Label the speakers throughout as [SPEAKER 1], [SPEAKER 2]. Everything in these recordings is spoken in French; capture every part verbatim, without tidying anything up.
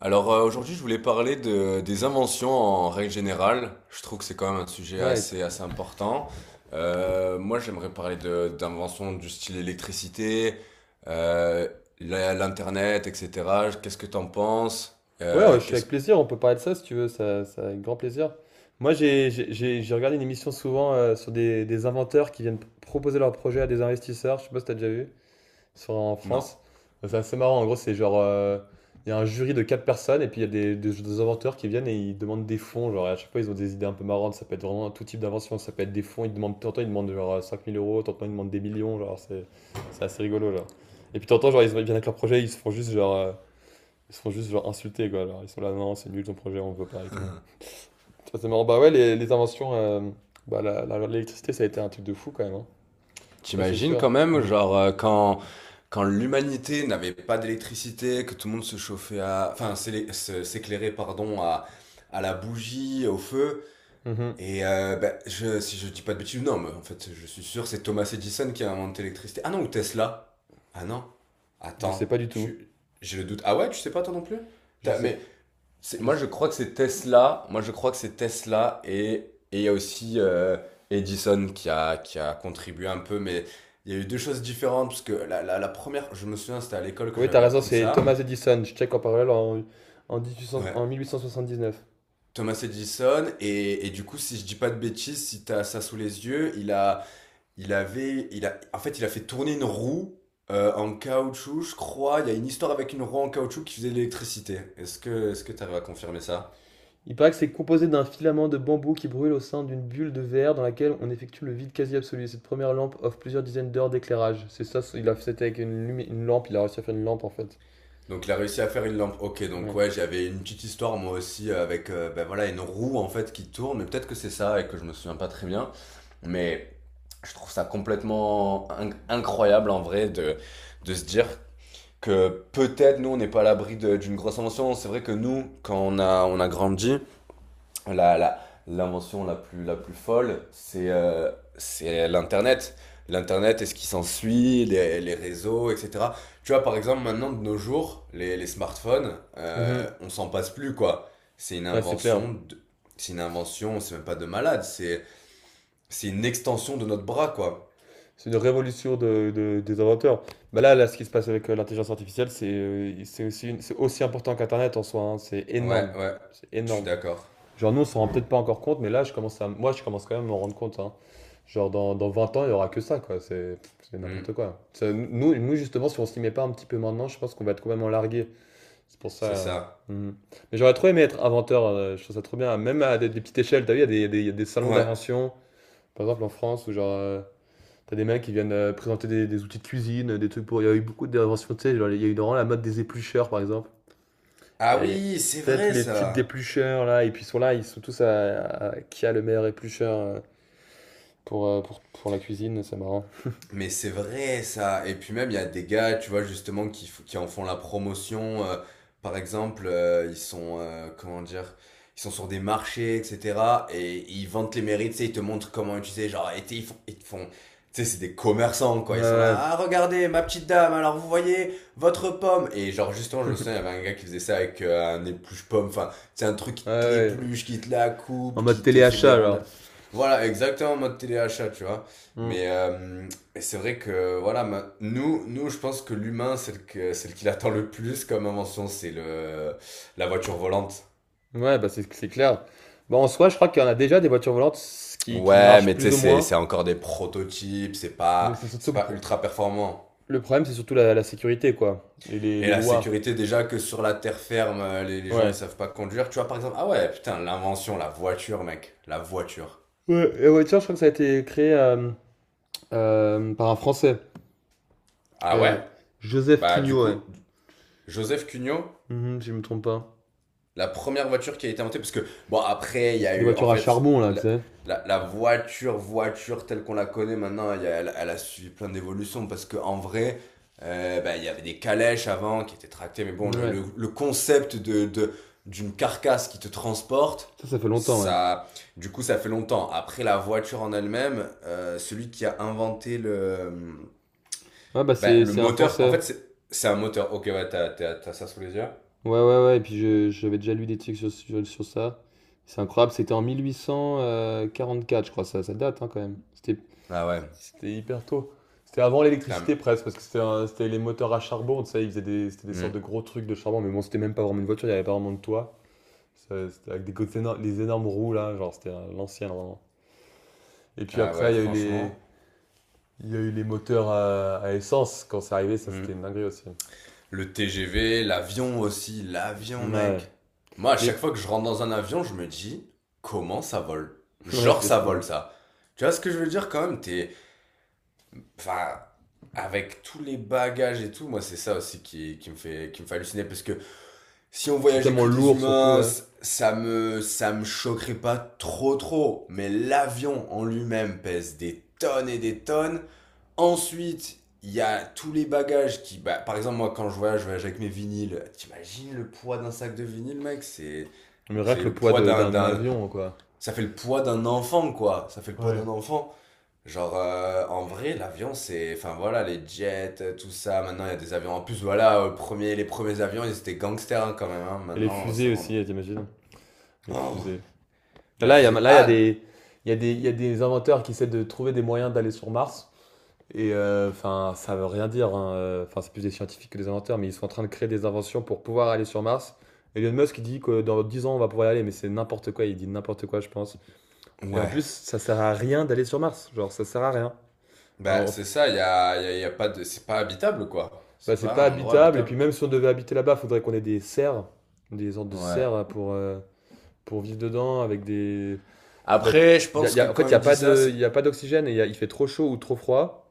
[SPEAKER 1] Alors euh, aujourd'hui, je voulais parler de- des inventions en règle générale. Je trouve que c'est quand même un sujet
[SPEAKER 2] Ouais,
[SPEAKER 1] assez, assez important. Euh, moi, j'aimerais parler de, d'inventions du style électricité, euh, la- l'Internet, et cétéra. Qu'est-ce que t'en penses?
[SPEAKER 2] ouais,
[SPEAKER 1] Euh,
[SPEAKER 2] ouais, je suis
[SPEAKER 1] qu'est-ce...
[SPEAKER 2] avec plaisir, on peut parler de ça si tu veux, ça, ça avec grand plaisir. Moi, j'ai j'ai- j'ai- j'ai regardé une émission souvent euh, sur des, des inventeurs qui viennent proposer leurs projets à des investisseurs, je sais pas si t'as déjà vu, sur, en
[SPEAKER 1] Non.
[SPEAKER 2] France. Euh, C'est assez marrant, en gros, c'est genre, euh, il y a un jury de quatre personnes et puis il y a des, des- des inventeurs qui viennent et ils demandent des fonds, genre à chaque fois ils ont des idées un peu marrantes, ça peut être vraiment tout type d'invention, ça peut être des fonds, ils demandent, tantôt ils demandent genre cinq mille euros, tantôt ils demandent des millions, genre c'est c'est assez rigolo, genre. Et puis t'entends, genre, ils viennent avec leur projet, ils se font juste genre. euh, ils se font juste genre insulter quoi. Alors, ils sont là, non, c'est nul ton projet, on veut pas et tout. Ça, c'est marrant. Bah ouais, les, les inventions, euh, bah, la- la- l'électricité, ça a été un truc de fou quand même, hein. Ça, c'est
[SPEAKER 1] T'imagines
[SPEAKER 2] sûr.
[SPEAKER 1] quand même,
[SPEAKER 2] Mhm.
[SPEAKER 1] genre, euh, quand, quand l'humanité n'avait pas d'électricité, que tout le monde se chauffait à... Enfin, s'élé- se- s'éclairait, pardon, à, à la bougie, au feu.
[SPEAKER 2] Mhm.
[SPEAKER 1] Et euh, bah, je, si je dis pas de bêtises, non, mais en fait, je suis sûr, c'est Thomas Edison qui a inventé l'électricité. Ah non, ou Tesla. Ah non.
[SPEAKER 2] Je sais
[SPEAKER 1] Attends,
[SPEAKER 2] pas du tout.
[SPEAKER 1] tu... j'ai le doute. Ah ouais, tu sais pas toi non plus?
[SPEAKER 2] Je
[SPEAKER 1] T'as-
[SPEAKER 2] sais.
[SPEAKER 1] Mais c'est-
[SPEAKER 2] je
[SPEAKER 1] moi,
[SPEAKER 2] sais-
[SPEAKER 1] je crois que c'est Tesla. Moi, je crois que c'est Tesla et et il y a aussi euh, Edison qui a qui a contribué un peu, mais il y a eu deux choses différentes parce que la, la, la première, je me souviens, c'était à l'école que
[SPEAKER 2] Oui, t'as
[SPEAKER 1] j'avais
[SPEAKER 2] raison,
[SPEAKER 1] appris
[SPEAKER 2] c'est
[SPEAKER 1] ça.
[SPEAKER 2] Thomas Edison. Je check en parallèle en, en mille huit cents
[SPEAKER 1] Ouais.
[SPEAKER 2] en mille huit cent soixante-dix-neuf.
[SPEAKER 1] Thomas Edison et, et du coup, si je dis pas de bêtises, si t'as ça sous les yeux, il a Il avait, il a, en fait, il a fait tourner une roue euh, en caoutchouc, je crois. Il y a une histoire avec une roue en caoutchouc qui faisait de l'électricité. Est-ce que, est-ce que t'arrives à confirmer ça?
[SPEAKER 2] Il paraît que c'est composé d'un filament de bambou qui brûle au sein d'une bulle de verre dans laquelle on effectue le vide quasi absolu. Cette première lampe offre plusieurs dizaines d'heures d'éclairage. C'est ça, c'est- il a fait c'était avec une, lumi- une lampe, il a réussi à faire une lampe en fait.
[SPEAKER 1] Donc il a réussi à faire une lampe. Ok, donc
[SPEAKER 2] Ouais.
[SPEAKER 1] ouais, j'avais une petite histoire moi aussi euh, avec, euh, ben voilà, une roue en fait qui tourne. Mais peut-être que c'est ça et que je me souviens pas très bien. Mais je trouve ça complètement in- incroyable en vrai de, de se dire que peut-être nous on n'est pas à l'abri de- d'une grosse invention. C'est vrai que nous, quand on a, on a grandi, la, la- l'invention la plus, la plus folle, c'est euh, c'est l'Internet. L'Internet et ce qui s'ensuit, les, les réseaux, et cétéra. Tu vois, par exemple, maintenant, de nos jours, les, les smartphones, euh,
[SPEAKER 2] Mhm.
[SPEAKER 1] on s'en passe plus, quoi. C'est une
[SPEAKER 2] Ouais, c'est clair.
[SPEAKER 1] invention, de- c'est une invention, c'est même pas de malade, c'est c'est une extension de notre bras, quoi.
[SPEAKER 2] C'est une révolution de, de- des inventeurs. Bah là, là, ce qui se passe avec euh, l'intelligence artificielle, c'est euh, c'est aussi, une- c'est aussi important qu'Internet en soi, hein. C'est
[SPEAKER 1] Ouais,
[SPEAKER 2] énorme.
[SPEAKER 1] ouais,
[SPEAKER 2] C'est
[SPEAKER 1] je suis
[SPEAKER 2] énorme.
[SPEAKER 1] d'accord.
[SPEAKER 2] Genre, nous, on s'en rend peut-être pas encore compte, mais là, je commence à, moi, je commence quand même à m'en rendre compte, hein. Genre, dans, dans vingt ans, il y aura que ça, quoi. C'est c'est
[SPEAKER 1] Hmm,
[SPEAKER 2] n'importe quoi. Ça, nous, nous, justement, si on s'y met pas un petit peu maintenant, je pense qu'on va être complètement largué. C'est pour ça.
[SPEAKER 1] c'est
[SPEAKER 2] Euh,
[SPEAKER 1] ça.
[SPEAKER 2] mhm. Mais j'aurais trop aimé être inventeur. Euh, je trouve ça trop bien. Même à des, des petites échelles, t'as vu, il y a des, des- il y a des salons
[SPEAKER 1] Ouais.
[SPEAKER 2] d'invention, par exemple en France, ou genre. Euh, t'as des mecs qui viennent, heu, présenter des des outils de cuisine, heu, des trucs pour il y a eu beaucoup d'inventions, tu sais, genre, il y a eu vraiment la mode des éplucheurs, par exemple. Il
[SPEAKER 1] Ah
[SPEAKER 2] y a il y a tu
[SPEAKER 1] oui, c'est
[SPEAKER 2] sais, tous
[SPEAKER 1] vrai,
[SPEAKER 2] les types
[SPEAKER 1] ça.
[SPEAKER 2] d'éplucheurs, là et puis ils sont là, ils sont tous à à qui a le meilleur éplucheur, heu, pour, heu, pour pour la cuisine, c'est marrant.
[SPEAKER 1] Mais c'est vrai ça. Et puis même, il y a des gars, tu vois, justement, qui, f- qui en font la promotion. Euh, par exemple, euh, ils sont, euh, comment dire, ils sont sur des marchés, et cétéra. Et ils vantent les mérites, tu sais, ils te montrent comment utiliser. Genre, et tu sais, ils font, ils te font, tu sais, c'est des commerçants,
[SPEAKER 2] Ouais,
[SPEAKER 1] quoi. Ils sont là,
[SPEAKER 2] ouais.
[SPEAKER 1] ah, regardez, ma petite dame, alors vous voyez, votre pomme. Et genre, justement, je me souviens, il y avait un gars qui faisait ça avec euh, un épluche-pomme. Enfin, c'est un truc qui
[SPEAKER 2] Ouais,
[SPEAKER 1] te
[SPEAKER 2] ouais,
[SPEAKER 1] l'épluche, qui te la
[SPEAKER 2] en
[SPEAKER 1] coupe,
[SPEAKER 2] mode
[SPEAKER 1] qui te fait des
[SPEAKER 2] téléachat, genre.
[SPEAKER 1] rondelles. Voilà, exactement, en mode téléachat, tu vois.
[SPEAKER 2] Mmh.
[SPEAKER 1] Mais, euh, et c'est vrai que voilà, ma- nous, nous, je pense que l'humain, celle que, celle qu'il attend le plus comme invention, c'est le la voiture volante.
[SPEAKER 2] Ouais, bah, c'est c'est clair. Bon en soi, je crois qu'il y en a déjà des voitures volantes s qui qui
[SPEAKER 1] Ouais,
[SPEAKER 2] marchent
[SPEAKER 1] mais tu
[SPEAKER 2] plus
[SPEAKER 1] sais,
[SPEAKER 2] ou
[SPEAKER 1] c'est c'est
[SPEAKER 2] moins,
[SPEAKER 1] encore des prototypes, c'est
[SPEAKER 2] mais
[SPEAKER 1] pas
[SPEAKER 2] c'est surtout
[SPEAKER 1] c'est
[SPEAKER 2] que le
[SPEAKER 1] pas
[SPEAKER 2] pro
[SPEAKER 1] ultra performant.
[SPEAKER 2] le problème, c'est surtout la la sécurité, quoi et les
[SPEAKER 1] Et
[SPEAKER 2] les
[SPEAKER 1] la
[SPEAKER 2] lois.
[SPEAKER 1] sécurité, déjà que sur la terre ferme, euh, les, les gens ils
[SPEAKER 2] Ouais.
[SPEAKER 1] savent pas conduire. Tu vois par exemple, ah ouais, putain, l'invention, la voiture, mec, la voiture.
[SPEAKER 2] Ouais, et ouais, je crois que ça a été créé euh, euh, par un Français.
[SPEAKER 1] Ah
[SPEAKER 2] Euh,
[SPEAKER 1] ouais?
[SPEAKER 2] Joseph
[SPEAKER 1] Bah du
[SPEAKER 2] Cugnot, ouais.
[SPEAKER 1] coup, Joseph Cugnot,
[SPEAKER 2] Mhm, si je me trompe pas.
[SPEAKER 1] la première voiture qui a été inventée, parce que, bon, après, il y
[SPEAKER 2] C'était
[SPEAKER 1] a
[SPEAKER 2] des
[SPEAKER 1] eu, en
[SPEAKER 2] voitures à
[SPEAKER 1] fait,
[SPEAKER 2] charbon, là, tu
[SPEAKER 1] la,
[SPEAKER 2] sais.
[SPEAKER 1] la, la voiture, voiture telle qu'on la connaît maintenant, il y a- elle, elle a suivi plein d'évolutions, parce que en vrai, euh, bah, il y avait des calèches avant qui étaient tractées, mais bon, le,
[SPEAKER 2] Ouais.
[SPEAKER 1] le, le concept de, de, d'une carcasse qui te transporte,
[SPEAKER 2] Ça, ça fait longtemps, ouais.
[SPEAKER 1] ça, du coup, ça fait longtemps. Après, la voiture en elle-même, euh, celui qui a inventé le, euh,
[SPEAKER 2] Ouais, bah,
[SPEAKER 1] bah,
[SPEAKER 2] c'est,
[SPEAKER 1] le
[SPEAKER 2] c'est un
[SPEAKER 1] moteur, en
[SPEAKER 2] Français.
[SPEAKER 1] fait, c'est, c'est un moteur. Ok, ouais, t'as, t'as, t'as ça sous les yeux?
[SPEAKER 2] Ouais, ouais, ouais. Et puis, je- j'avais déjà lu des trucs sur, sur, sur ça. C'est incroyable. C'était en mille huit cent quarante-quatre, je crois. Ça, ça date, hein, quand même. C'était,
[SPEAKER 1] Ah ouais.
[SPEAKER 2] c'était hyper tôt. C'était avant
[SPEAKER 1] Putain.
[SPEAKER 2] l'électricité, presque, parce que c'était, un- c'était les moteurs à charbon, tu sais. Ils faisaient des, c'était des sortes de
[SPEAKER 1] Hmm.
[SPEAKER 2] gros trucs de charbon. Mais bon, c'était même pas vraiment une voiture, il n'y avait pas vraiment de toit. Ça, C'était avec des côtes éno- les énormes roues là, genre c'était euh, l'ancien vraiment. Et puis
[SPEAKER 1] Ah
[SPEAKER 2] après,
[SPEAKER 1] ouais,
[SPEAKER 2] il y a eu
[SPEAKER 1] franchement.
[SPEAKER 2] les, il y a eu les moteurs à, à essence quand c'est arrivé, ça
[SPEAKER 1] Hmm.
[SPEAKER 2] c'était une dinguerie aussi.
[SPEAKER 1] Le T G V, l'avion aussi, l'avion,
[SPEAKER 2] Ouais.
[SPEAKER 1] mec. Moi, à
[SPEAKER 2] Les-
[SPEAKER 1] chaque fois que je rentre dans un avion, je me dis, comment ça vole?
[SPEAKER 2] Ouais,
[SPEAKER 1] Genre,
[SPEAKER 2] c'est
[SPEAKER 1] ça
[SPEAKER 2] fou, ouais.
[SPEAKER 1] vole, ça. Tu vois ce que je veux dire quand même? T'es, enfin, avec tous les bagages et tout, moi, c'est ça aussi qui, qui me fait, qui me fait halluciner. Parce que si on
[SPEAKER 2] C'est
[SPEAKER 1] voyageait
[SPEAKER 2] tellement
[SPEAKER 1] que des
[SPEAKER 2] lourd surtout,
[SPEAKER 1] humains,
[SPEAKER 2] ouais.
[SPEAKER 1] c- ça me, ça me choquerait pas trop, trop. Mais l'avion en lui-même pèse des tonnes et des tonnes. Ensuite, il y a tous les bagages qui. Bah, par exemple, moi, quand je voyage, je voyage avec mes vinyles. T'imagines le poids d'un sac de vinyle, mec. C'est
[SPEAKER 2] Mais rien
[SPEAKER 1] c'est
[SPEAKER 2] que le
[SPEAKER 1] le
[SPEAKER 2] poids
[SPEAKER 1] poids
[SPEAKER 2] de-
[SPEAKER 1] d'un.
[SPEAKER 2] d'un
[SPEAKER 1] d'un-
[SPEAKER 2] avion quoi.
[SPEAKER 1] ça fait le poids d'un enfant, quoi. Ça fait le poids
[SPEAKER 2] Ouais.
[SPEAKER 1] d'un enfant. Genre, euh, en vrai, l'avion, c'est. Enfin, voilà, les jets, euh, tout ça. Maintenant, il y a des avions. En plus, voilà, euh, premier, les premiers avions, ils étaient gangsters, hein, quand même, hein.
[SPEAKER 2] Et les
[SPEAKER 1] Maintenant, ça
[SPEAKER 2] fusées
[SPEAKER 1] va. Non.
[SPEAKER 2] aussi, t'imagines? Les
[SPEAKER 1] Oh,
[SPEAKER 2] fusées.
[SPEAKER 1] la
[SPEAKER 2] Là, il y a,
[SPEAKER 1] fusée.
[SPEAKER 2] là, il y a
[SPEAKER 1] Ah
[SPEAKER 2] des, Il y a des, il y a des inventeurs qui essaient de trouver des moyens d'aller sur Mars. Et euh, enfin, ça veut rien dire, hein. euh, Enfin, c'est plus des scientifiques que des inventeurs, mais ils sont en train de créer des inventions pour pouvoir aller sur Mars. Elon Musk il dit que dans dix ans on va pouvoir y aller, mais c'est n'importe quoi. Il dit n'importe quoi, je pense. Et en
[SPEAKER 1] ouais.
[SPEAKER 2] plus, ça sert à rien d'aller sur Mars. Genre, ça sert à rien.
[SPEAKER 1] Bah,
[SPEAKER 2] Alors,
[SPEAKER 1] c'est ça, il y a, il y a- il y a pas de. C'est pas habitable, quoi.
[SPEAKER 2] bah,
[SPEAKER 1] C'est
[SPEAKER 2] c'est
[SPEAKER 1] pas
[SPEAKER 2] pas
[SPEAKER 1] un endroit
[SPEAKER 2] habitable. Et puis
[SPEAKER 1] habitable.
[SPEAKER 2] même si on devait habiter là-bas, il faudrait qu'on ait des serres, des sortes de
[SPEAKER 1] Ouais.
[SPEAKER 2] serres pour euh, pour vivre dedans avec des. Faudrait qu'on-
[SPEAKER 1] Après, je
[SPEAKER 2] y a-
[SPEAKER 1] pense
[SPEAKER 2] y
[SPEAKER 1] que
[SPEAKER 2] a- en fait,
[SPEAKER 1] quand
[SPEAKER 2] il y
[SPEAKER 1] il
[SPEAKER 2] a
[SPEAKER 1] dit
[SPEAKER 2] pas
[SPEAKER 1] ça,
[SPEAKER 2] de,
[SPEAKER 1] c'est.
[SPEAKER 2] il y a pas d'oxygène et y a- il fait trop chaud ou trop froid.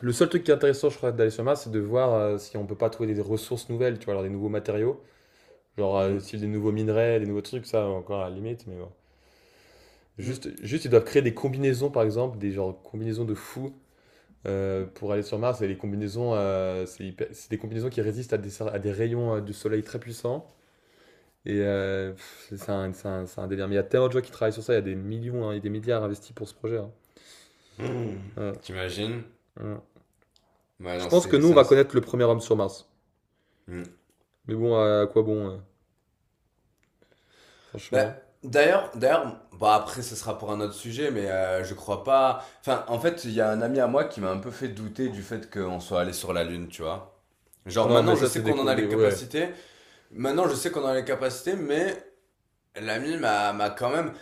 [SPEAKER 2] Le seul truc qui est intéressant, je crois, d'aller sur Mars, c'est de voir euh, si on peut pas trouver des ressources nouvelles, tu vois, alors des nouveaux matériaux, genre euh,
[SPEAKER 1] Mm,
[SPEAKER 2] style des nouveaux minerais, des nouveaux trucs, ça encore à la limite, mais bon.
[SPEAKER 1] mm,
[SPEAKER 2] Juste, juste, ils doivent créer des combinaisons, par exemple, des genre combinaisons de fous euh, pour aller sur Mars. Et les combinaisons, euh, c'est hyper- c'est des combinaisons qui résistent à des, cer- à des rayons euh, du soleil très puissants. Et euh, pff, c'est c'est un, c'est un- c'est un délire. Mais il y a tellement de gens qui travaillent sur ça, il y a des millions hein, et des milliards investis pour ce projet, hein.
[SPEAKER 1] mm.
[SPEAKER 2] Ouais,
[SPEAKER 1] T'imagines.
[SPEAKER 2] ouais.
[SPEAKER 1] Ouais,
[SPEAKER 2] Je
[SPEAKER 1] non,
[SPEAKER 2] pense que
[SPEAKER 1] c'est
[SPEAKER 2] nous, on
[SPEAKER 1] c'est
[SPEAKER 2] va
[SPEAKER 1] un seul.
[SPEAKER 2] connaître le premier homme sur Mars.
[SPEAKER 1] Mm.
[SPEAKER 2] Mais bon, à quoi bon, euh,
[SPEAKER 1] Bah,
[SPEAKER 2] franchement.
[SPEAKER 1] d'ailleurs, d'ailleurs, bah après, ce sera pour un autre sujet, mais euh, je crois pas. Enfin, en fait, il y a un ami à moi qui m'a un peu fait douter du fait qu'on soit allé sur la Lune, tu vois. Genre,
[SPEAKER 2] Non,
[SPEAKER 1] maintenant,
[SPEAKER 2] mais
[SPEAKER 1] je
[SPEAKER 2] ça, c'est
[SPEAKER 1] sais
[SPEAKER 2] des,
[SPEAKER 1] qu'on en
[SPEAKER 2] co-
[SPEAKER 1] a
[SPEAKER 2] des-
[SPEAKER 1] les
[SPEAKER 2] ouais.
[SPEAKER 1] capacités. Maintenant, je sais qu'on en a les capacités, mais l'ami m'a m'a quand même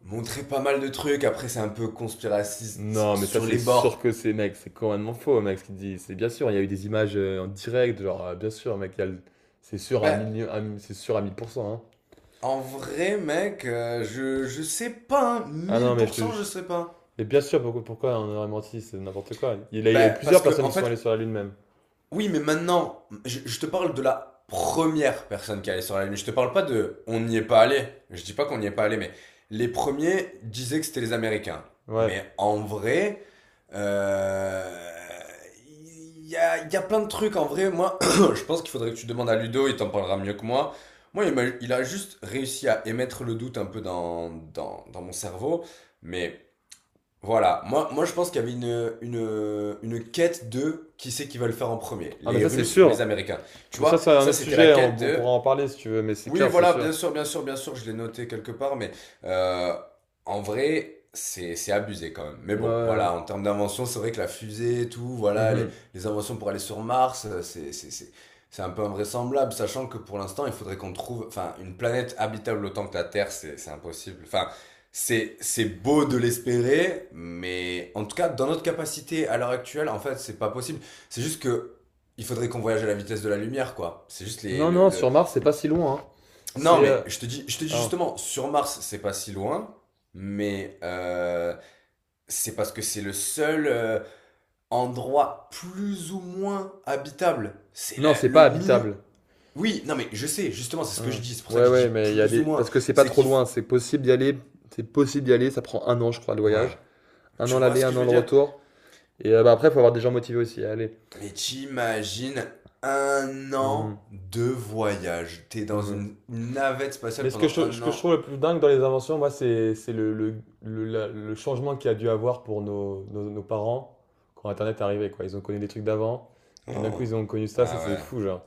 [SPEAKER 1] montré pas mal de trucs. Après, c'est un peu conspiraciste
[SPEAKER 2] Non, mais ça,
[SPEAKER 1] sur
[SPEAKER 2] c'est
[SPEAKER 1] les
[SPEAKER 2] sûr
[SPEAKER 1] bords.
[SPEAKER 2] que c'est, mec, c'est complètement faux, mec, ce qu'il dit. C'est bien sûr, il y a eu des images euh, en direct, genre, euh, bien sûr, mec, il y a le- c'est sûr à
[SPEAKER 1] Ben.
[SPEAKER 2] mille, à mi- c'est sûr à mille pour cent, hein.
[SPEAKER 1] En vrai, mec, euh, je, je sais pas, hein,
[SPEAKER 2] Ah non, mais je te
[SPEAKER 1] mille pour cent, je
[SPEAKER 2] jure.
[SPEAKER 1] sais pas.
[SPEAKER 2] Mais bien sûr, pourquoi, pourquoi on aurait menti, c'est n'importe quoi. Il y a, il y a eu
[SPEAKER 1] Ben
[SPEAKER 2] plusieurs
[SPEAKER 1] parce que,
[SPEAKER 2] personnes qui
[SPEAKER 1] en
[SPEAKER 2] sont allées
[SPEAKER 1] fait,
[SPEAKER 2] sur la Lune même.
[SPEAKER 1] oui, mais maintenant, je, je te parle de la première personne qui est allée sur la Lune. Je te parle pas de on n'y est pas allé. Je dis pas qu'on n'y est pas allé, mais les premiers disaient que c'était les Américains.
[SPEAKER 2] Ouais.
[SPEAKER 1] Mais en vrai, euh, il y a, il y a plein de trucs. En vrai, moi, je pense qu'il faudrait que tu demandes à Ludo, il t'en parlera mieux que moi. Moi, il m'a- il a juste réussi à émettre le doute un peu dans, dans, dans mon cerveau. Mais voilà, moi, moi je pense qu'il y avait une, une, une quête de qui c'est qui va le faire en premier,
[SPEAKER 2] Ah, mais
[SPEAKER 1] les
[SPEAKER 2] ça, c'est
[SPEAKER 1] Russes ou les
[SPEAKER 2] sûr.
[SPEAKER 1] Américains. Tu
[SPEAKER 2] Mais ça,
[SPEAKER 1] vois,
[SPEAKER 2] c'est un
[SPEAKER 1] ça
[SPEAKER 2] autre
[SPEAKER 1] c'était la
[SPEAKER 2] sujet,
[SPEAKER 1] quête
[SPEAKER 2] on, on
[SPEAKER 1] de
[SPEAKER 2] pourra en parler si tu veux, mais c'est
[SPEAKER 1] oui,
[SPEAKER 2] clair, c'est
[SPEAKER 1] voilà,
[SPEAKER 2] sûr.
[SPEAKER 1] bien sûr, bien sûr, bien sûr, je l'ai noté quelque part, mais euh, en vrai, c'est c'est abusé quand même. Mais
[SPEAKER 2] Ouais.
[SPEAKER 1] bon,
[SPEAKER 2] Ouais.
[SPEAKER 1] voilà, en termes d'invention, c'est vrai que la fusée et tout, voilà, les,
[SPEAKER 2] Mhm.
[SPEAKER 1] les inventions pour aller sur Mars, euh, c'est c'est- c'est- c'est un peu invraisemblable, sachant que pour l'instant, il faudrait qu'on trouve, enfin, une planète habitable autant que la Terre, c'est c'est impossible. Enfin, c'est c'est beau de l'espérer, mais en tout cas, dans notre capacité à l'heure actuelle, en fait, c'est pas possible. C'est juste que il faudrait qu'on voyage à la vitesse de la lumière, quoi. C'est juste les,
[SPEAKER 2] Non,
[SPEAKER 1] le,
[SPEAKER 2] non, sur
[SPEAKER 1] le-
[SPEAKER 2] Mars, c'est pas si loin, hein.
[SPEAKER 1] non,
[SPEAKER 2] C'est...
[SPEAKER 1] mais
[SPEAKER 2] euh,
[SPEAKER 1] je te dis, je te dis
[SPEAKER 2] hein.
[SPEAKER 1] justement, sur Mars, c'est pas si loin, mais euh, c'est parce que c'est le seul euh, endroit plus ou moins habitable. C'est
[SPEAKER 2] Non,
[SPEAKER 1] la-
[SPEAKER 2] c'est pas
[SPEAKER 1] le minimum.
[SPEAKER 2] habitable.
[SPEAKER 1] Oui, non, mais je sais, justement, c'est ce que
[SPEAKER 2] Hmm.
[SPEAKER 1] je dis. C'est pour ça
[SPEAKER 2] Ouais,
[SPEAKER 1] que je dis
[SPEAKER 2] ouais, mais il y a
[SPEAKER 1] plus ou
[SPEAKER 2] des.
[SPEAKER 1] moins.
[SPEAKER 2] Parce que c'est pas
[SPEAKER 1] C'est
[SPEAKER 2] trop
[SPEAKER 1] qu'il. f-
[SPEAKER 2] loin, c'est possible d'y aller. C'est possible d'y aller, ça prend un an, je crois, le
[SPEAKER 1] ouais.
[SPEAKER 2] voyage. Un
[SPEAKER 1] Tu
[SPEAKER 2] an
[SPEAKER 1] vois
[SPEAKER 2] l'aller,
[SPEAKER 1] ce que
[SPEAKER 2] un
[SPEAKER 1] je
[SPEAKER 2] an
[SPEAKER 1] veux
[SPEAKER 2] le
[SPEAKER 1] dire?
[SPEAKER 2] retour. Et euh, bah, après, il faut avoir des gens motivés aussi à aller.
[SPEAKER 1] Mais t'imagines un
[SPEAKER 2] Mhm.
[SPEAKER 1] an de voyage. T'es dans
[SPEAKER 2] Ouais.
[SPEAKER 1] une une navette
[SPEAKER 2] Mais
[SPEAKER 1] spatiale
[SPEAKER 2] ce que
[SPEAKER 1] pendant
[SPEAKER 2] je, ce
[SPEAKER 1] un
[SPEAKER 2] que je
[SPEAKER 1] an.
[SPEAKER 2] trouve le plus dingue dans les inventions, moi, c'est c'est le, le, le- la- le changement qu'il y a dû avoir pour nos, nos, nos parents quand Internet est arrivé, quoi. Ils ont connu des trucs d'avant, et d'un coup,
[SPEAKER 1] Oh.
[SPEAKER 2] ils ont connu ça, ça
[SPEAKER 1] Ah
[SPEAKER 2] c'est
[SPEAKER 1] ouais.
[SPEAKER 2] fou, genre.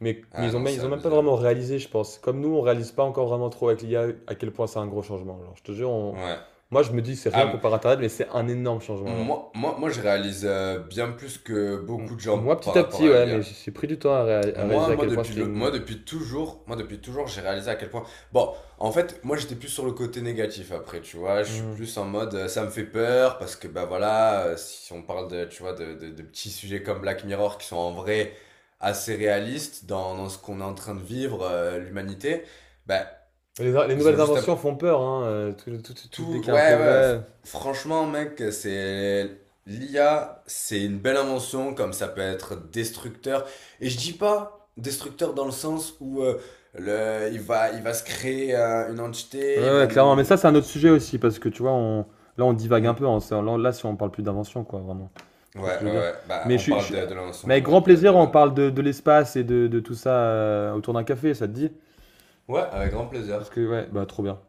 [SPEAKER 2] Mais, mais
[SPEAKER 1] Ah
[SPEAKER 2] ils ont,
[SPEAKER 1] non,
[SPEAKER 2] même-
[SPEAKER 1] c'est
[SPEAKER 2] ils ont même pas
[SPEAKER 1] abusé.
[SPEAKER 2] vraiment réalisé, je pense. Comme nous, on réalise pas encore vraiment trop avec l'I A à quel point c'est un gros changement. Genre, je te jure, on-
[SPEAKER 1] Ouais.
[SPEAKER 2] moi, je me dis que c'est rien
[SPEAKER 1] Ah,
[SPEAKER 2] comparé à Internet, mais c'est un énorme changement, genre.
[SPEAKER 1] Moi, moi, moi, je réalise euh, bien plus que
[SPEAKER 2] M-
[SPEAKER 1] beaucoup de gens
[SPEAKER 2] Moi,
[SPEAKER 1] par
[SPEAKER 2] petit à
[SPEAKER 1] rapport
[SPEAKER 2] petit,
[SPEAKER 1] à
[SPEAKER 2] ouais, mais
[SPEAKER 1] l'I A.
[SPEAKER 2] j'ai j'ai pris du temps à, ré- à
[SPEAKER 1] Moi,
[SPEAKER 2] réaliser à
[SPEAKER 1] moi,
[SPEAKER 2] quel point
[SPEAKER 1] depuis
[SPEAKER 2] c'était
[SPEAKER 1] le,
[SPEAKER 2] une.
[SPEAKER 1] moi, depuis toujours, moi, depuis toujours, j'ai réalisé à quel point. Bon, en fait, moi, j'étais plus sur le côté négatif après, tu vois. Je suis
[SPEAKER 2] Hmm.
[SPEAKER 1] plus en mode, euh, ça me fait peur parce que, bah voilà, euh, si on parle de, tu vois, de, de, de petits sujets comme Black Mirror qui sont en vrai assez réalistes dans, dans ce qu'on est en train de vivre, euh, l'humanité, bah,
[SPEAKER 2] Mais Les, in- les
[SPEAKER 1] ils ont
[SPEAKER 2] nouvelles
[SPEAKER 1] juste
[SPEAKER 2] inventions font peur, hein. euh, tout- tout- tout- tout- dès
[SPEAKER 1] tout,
[SPEAKER 2] qu'il y a un
[SPEAKER 1] ouais, ouais. f-
[SPEAKER 2] progrès.
[SPEAKER 1] Franchement, mec, c'est l'I A, c'est une belle invention, comme ça peut être destructeur. Et je dis pas destructeur dans le sens où euh, le, il va, il va se créer euh, une
[SPEAKER 2] Ouais,
[SPEAKER 1] entité, il
[SPEAKER 2] ouais,
[SPEAKER 1] va
[SPEAKER 2] clairement. Mais
[SPEAKER 1] nous.
[SPEAKER 2] ça, c'est un autre sujet aussi, parce que tu vois, on... là, on divague un peu,
[SPEAKER 1] Hmm.
[SPEAKER 2] hein. C'est- Là, là, si on parle plus d'invention, quoi, vraiment.
[SPEAKER 1] Ouais,
[SPEAKER 2] Tu vois ce que je
[SPEAKER 1] ouais,
[SPEAKER 2] veux dire?
[SPEAKER 1] ouais. Bah,
[SPEAKER 2] Mais, je,
[SPEAKER 1] on
[SPEAKER 2] suis- je
[SPEAKER 1] parle
[SPEAKER 2] suis-
[SPEAKER 1] de, de
[SPEAKER 2] Mais avec
[SPEAKER 1] l'invention, ouais,
[SPEAKER 2] grand
[SPEAKER 1] de,
[SPEAKER 2] plaisir,
[SPEAKER 1] de
[SPEAKER 2] on
[SPEAKER 1] l'in-
[SPEAKER 2] parle de, de l'espace et de, de tout ça euh, autour d'un café, ça te dit?
[SPEAKER 1] Ouais, avec grand plaisir.
[SPEAKER 2] Parce que, ouais, bah, trop bien.